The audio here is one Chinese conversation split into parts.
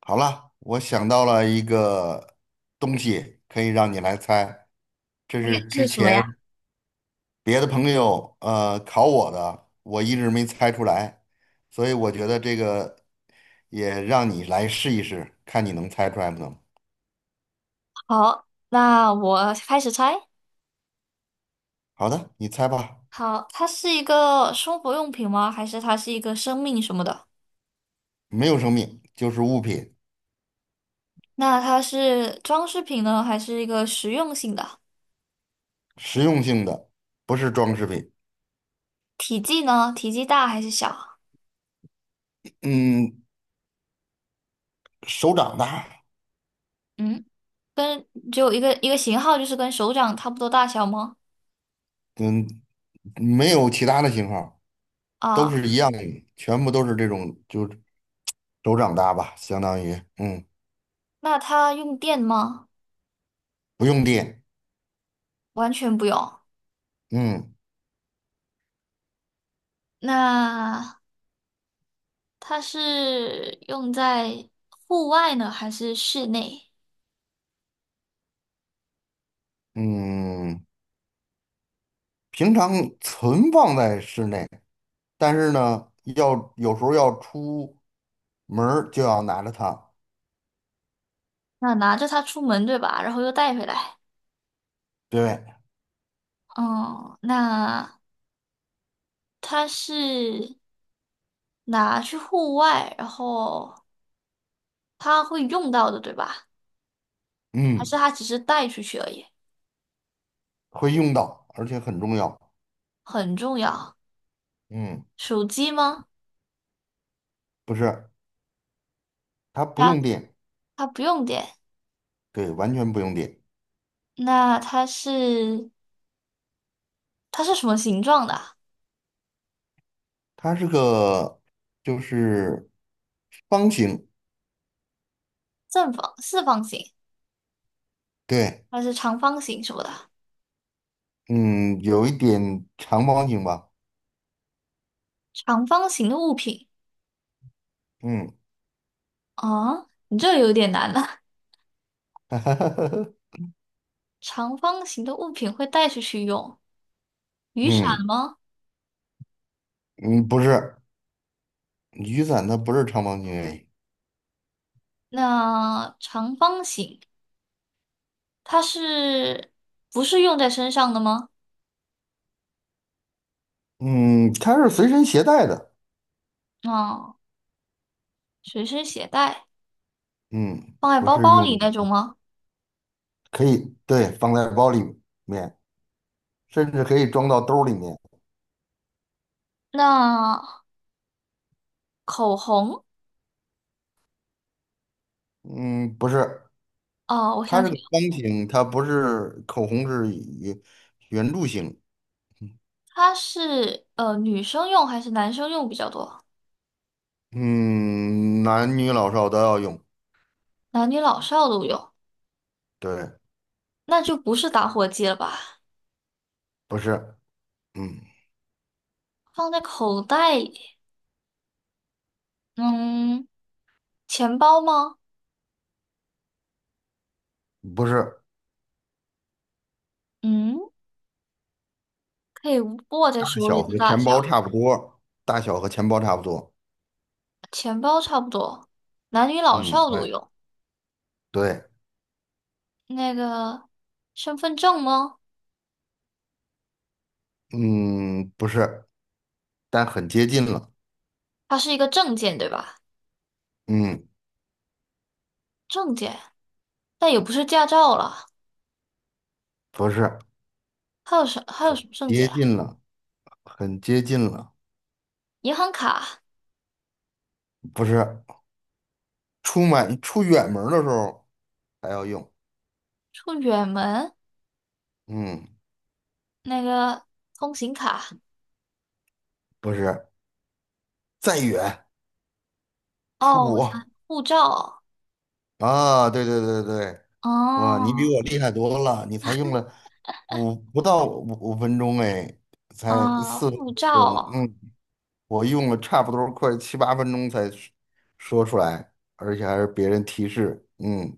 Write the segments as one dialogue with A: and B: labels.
A: 好了，我想到了一个东西，可以让你来猜。这是
B: 这
A: 之
B: 是什么呀？
A: 前别的朋友考我的，我一直没猜出来，所以我觉得这个也让你来试一试，看你能猜出来不能。
B: 好，那我开始猜。
A: 好的，你猜吧。
B: 好，它是一个生活用品吗？还是它是一个生命什么的？
A: 没有生命，就是物品。
B: 那它是装饰品呢，还是一个实用性的？
A: 实用性的，不是装饰品。
B: 体积呢？体积大还是小？
A: 嗯，手掌大。
B: 嗯，跟只有一个一个型号，就是跟手掌差不多大小吗？
A: 嗯，没有其他的型号，都
B: 啊，
A: 是一样的，全部都是这种，就手掌大吧，相当于。嗯，
B: 那它用电吗？
A: 不用电。
B: 完全不用。
A: 嗯
B: 那它是用在户外呢，还是室内？
A: 嗯，平常存放在室内，但是呢，要有时候要出门儿就要拿着它。
B: 那拿着它出门，对吧？然后又带回来。
A: 对。
B: 嗯，那它是拿去户外，然后它会用到的，对吧？还
A: 嗯，
B: 是它只是带出去而已？
A: 会用到，而且很重要。
B: 很重要。
A: 嗯，
B: 手机吗？
A: 不是，它不
B: 那
A: 用电。
B: 它不用电。
A: 对，完全不用电。
B: 那它是什么形状的啊？
A: 它是个就是方形。
B: 正方、四方形
A: 对。
B: 还是长方形什么的？
A: 嗯，有一点长方形吧。
B: 长方形的物品。
A: 嗯。
B: 啊，你这有点难了。长方形的物品会带出去用，雨伞
A: 嗯
B: 吗？
A: 嗯，不是。雨伞它不是长方形而已。
B: 那长方形。它是不是用在身上的吗？
A: 嗯，它是随身携带的。
B: 啊，随身携带，
A: 嗯，
B: 放在
A: 不
B: 包
A: 是
B: 包
A: 用。
B: 里那种吗？
A: 可以，对，放在包里面，甚至可以装到兜儿里面。
B: 那口红，
A: 嗯，不是。
B: 哦，我
A: 它
B: 想
A: 是
B: 起
A: 个
B: 来了，
A: 方形，它不是口红是圆圆柱形。
B: 它是女生用还是男生用比较多？
A: 嗯，男女老少都要用。
B: 男女老少都用，
A: 对。
B: 那就不是打火机了吧？
A: 不是。嗯，
B: 放在口袋里，嗯，钱包吗？
A: 不是。
B: 嗯，可以握在
A: 大
B: 手里
A: 小
B: 的
A: 和
B: 大
A: 钱包
B: 小，
A: 差不多，大小和钱包差不多。
B: 钱包差不多，男女老
A: 嗯，
B: 少都
A: 对。
B: 用。
A: 对。
B: 那个身份证吗？
A: 嗯，不是，但很接近了。
B: 它是一个证件，对吧？
A: 嗯。
B: 证件，但也不是驾照了。
A: 不是。
B: 还有什么证件
A: 接
B: 啊？
A: 近了，很接近了。
B: 银行卡、
A: 不是，出门出远门儿的时候还要用。
B: 出远门
A: 嗯，
B: 那个通行卡。
A: 不是，再远出
B: 哦，我想
A: 国
B: 护照。
A: 啊，对对对对。哇，你比
B: 哦，
A: 我厉害多了，你才用了不到五分钟哎，才
B: 哦，
A: 四分
B: 护
A: 钟，
B: 照。
A: 嗯，我用了差不多快七八分钟才说出来，而且还是别人提示。嗯，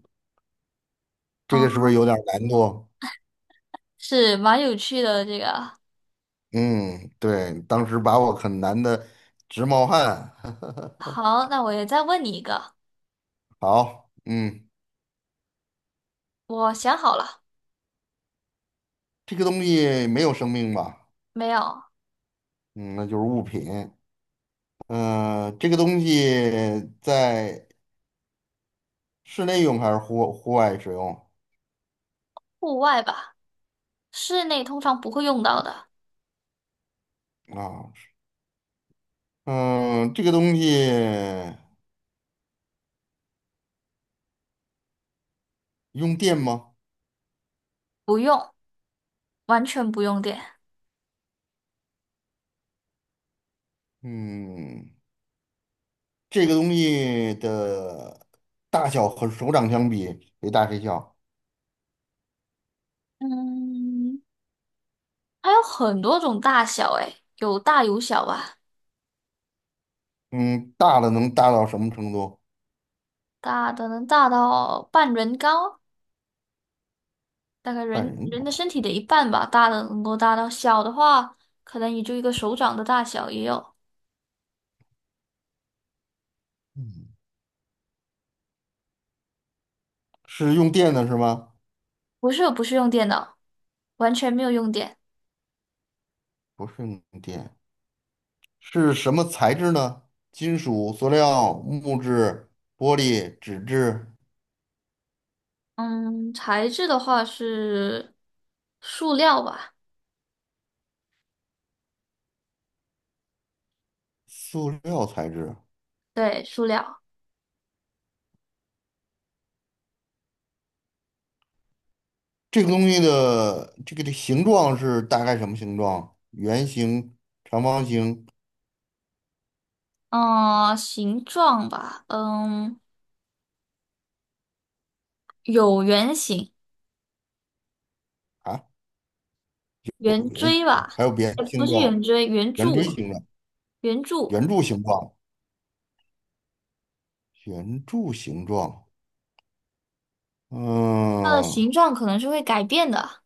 A: 这个是不
B: 哦，
A: 是有点难度？
B: 是蛮有趣的这个。
A: 嗯，对，当时把我很难的直冒汗。
B: 好，那我也再问你一个，
A: 好。嗯，
B: 我想好了，
A: 这个东西没有生命吧？
B: 没有，
A: 嗯，那就是物品。嗯、这个东西在室内用还是户外使用
B: 户外吧，室内通常不会用到的，
A: 啊？嗯、这个东西用电吗？
B: 不用，完全不用电。
A: 嗯，这个东西的大小和手掌相比，谁大谁小？
B: 嗯，它有很多种大小，诶，有大有小吧。
A: 嗯，大的能大到什么程度？
B: 大的能大到半人高，大概
A: 半
B: 人
A: 人
B: 人的
A: 头。
B: 身体的一半吧。大的能够大到小的话，可能也就一个手掌的大小也有。
A: 是用电的是吗？
B: 不是，不是用电脑，完全没有用电。
A: 不是用电，是什么材质呢？金属、塑料、木质、玻璃、纸质、
B: 嗯，材质的话是塑料吧？
A: 塑料材质。
B: 对，塑料。
A: 这个东西的这个的形状是大概什么形状？圆形、长方形
B: 嗯，形状吧，嗯，有圆形、
A: 啊，有
B: 圆
A: 圆形，
B: 锥吧？
A: 还有扁
B: 不
A: 形
B: 是圆
A: 状、
B: 锥，圆
A: 圆锥
B: 柱，
A: 形状、
B: 圆柱。
A: 圆柱形状、圆柱形状。
B: 它的
A: 嗯，
B: 形状可能是会改变的。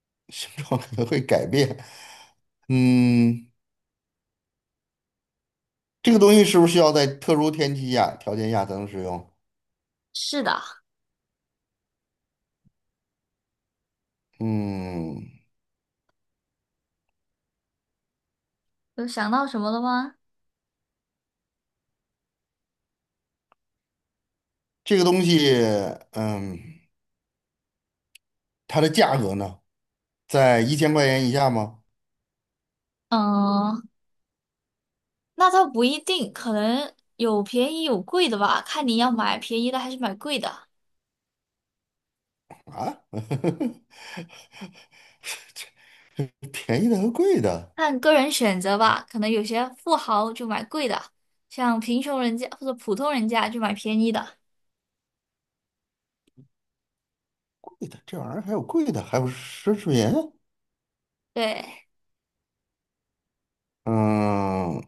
A: 形状可能会改变。嗯。这个东西是不是需要在特殊天气下条件下才能使用？
B: 是的，
A: 嗯，
B: 有想到什么了吗？
A: 这个东西，嗯，它的价格呢，在1000块钱以下吗？
B: 嗯，那倒不一定，可能有便宜有贵的吧，看你要买便宜的还是买贵的，
A: 啊，便宜的和贵的，
B: 看个人选择吧。可能有些富豪就买贵的，像贫穷人家或者普通人家就买便宜的。
A: 贵的这玩意儿还有贵的，还有奢侈品。
B: 对
A: 嗯，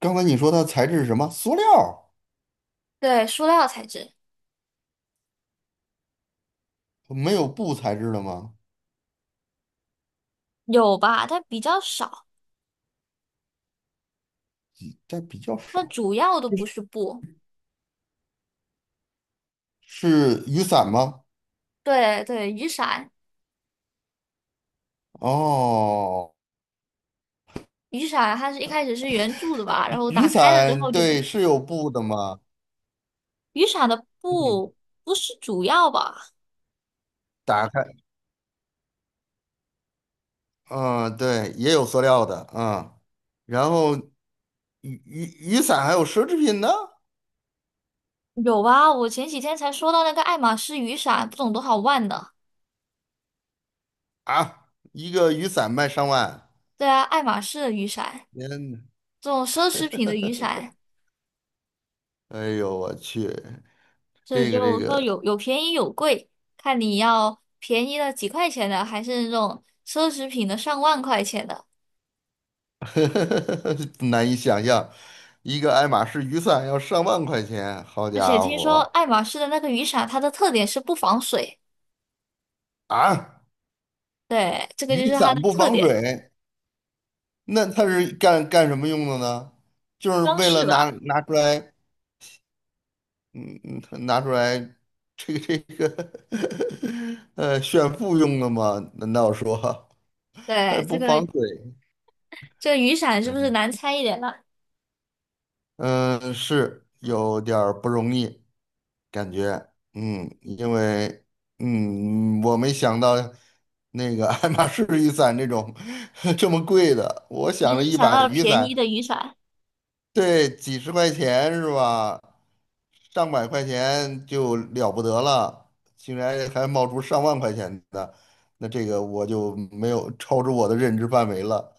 A: 刚才你说它材质是什么？塑料，
B: 对，塑料材质
A: 没有布材质的吗？
B: 有吧，但比较少。
A: 但比较
B: 它
A: 少。
B: 主要都不是布。
A: 是雨伞吗？
B: 对对，雨伞，
A: 哦，
B: 雨伞它是一开始是圆柱的吧，然后
A: 雨
B: 打开了之后
A: 伞
B: 就不
A: 对，
B: 是，
A: 是有布的吗？
B: 雨伞的
A: 嗯
B: 布不是主要吧？
A: 打开。嗯，对，也有塑料的。嗯，然后雨伞还有奢侈品呢。
B: 有啊，我前几天才说到那个爱马仕雨伞，不懂多少万的？
A: 啊，一个雨伞卖上万，
B: 对啊，爱马仕的雨伞，
A: 天呐，
B: 这种奢侈品的雨 伞，
A: 哎呦我去。
B: 所以
A: 这个这
B: 就说
A: 个
B: 有便宜有贵，看你要便宜的几块钱的，还是那种奢侈品的上万块钱的。
A: 难以想象，一个爱马仕雨伞要上万块钱，好
B: 而且
A: 家
B: 听说
A: 伙。
B: 爱马仕的那个雨伞，它的特点是不防水，
A: 啊，
B: 对，这个
A: 雨
B: 就是它
A: 伞
B: 的
A: 不
B: 特
A: 防
B: 点，
A: 水，那它是干什么用的呢？就是
B: 装
A: 为
B: 饰
A: 了拿
B: 吧。
A: 拿出来。嗯嗯，拿出来这个 炫富用的吗？难道说还
B: 对，这
A: 不防
B: 个
A: 水？
B: 这个雨伞是不是难猜一点了？
A: 嗯，是有点儿不容易，感觉。嗯，因为，嗯，我没想到那个爱马仕雨伞这种 这么贵的，我想
B: 你
A: 着
B: 只
A: 一
B: 想
A: 把
B: 到了
A: 雨
B: 便
A: 伞
B: 宜的雨伞。
A: 对，几十块钱是吧？上百块钱就了不得了，竟然还冒出上万块钱的，那这个我就没有超出我的认知范围了。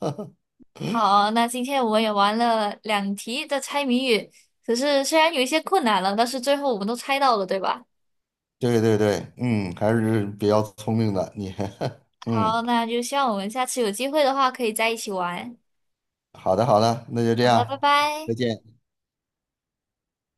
B: 好，那今天我们也玩了两题的猜谜语，可是虽然有一些困难了，但是最后我们都猜到了，对吧？
A: 对对对，嗯，还是比较聪明的你。
B: 好，
A: 嗯，
B: 那就希望我们下次有机会的话可以在一起玩。
A: 好的好的，那就这
B: 好的，拜
A: 样。
B: 拜。
A: 再见。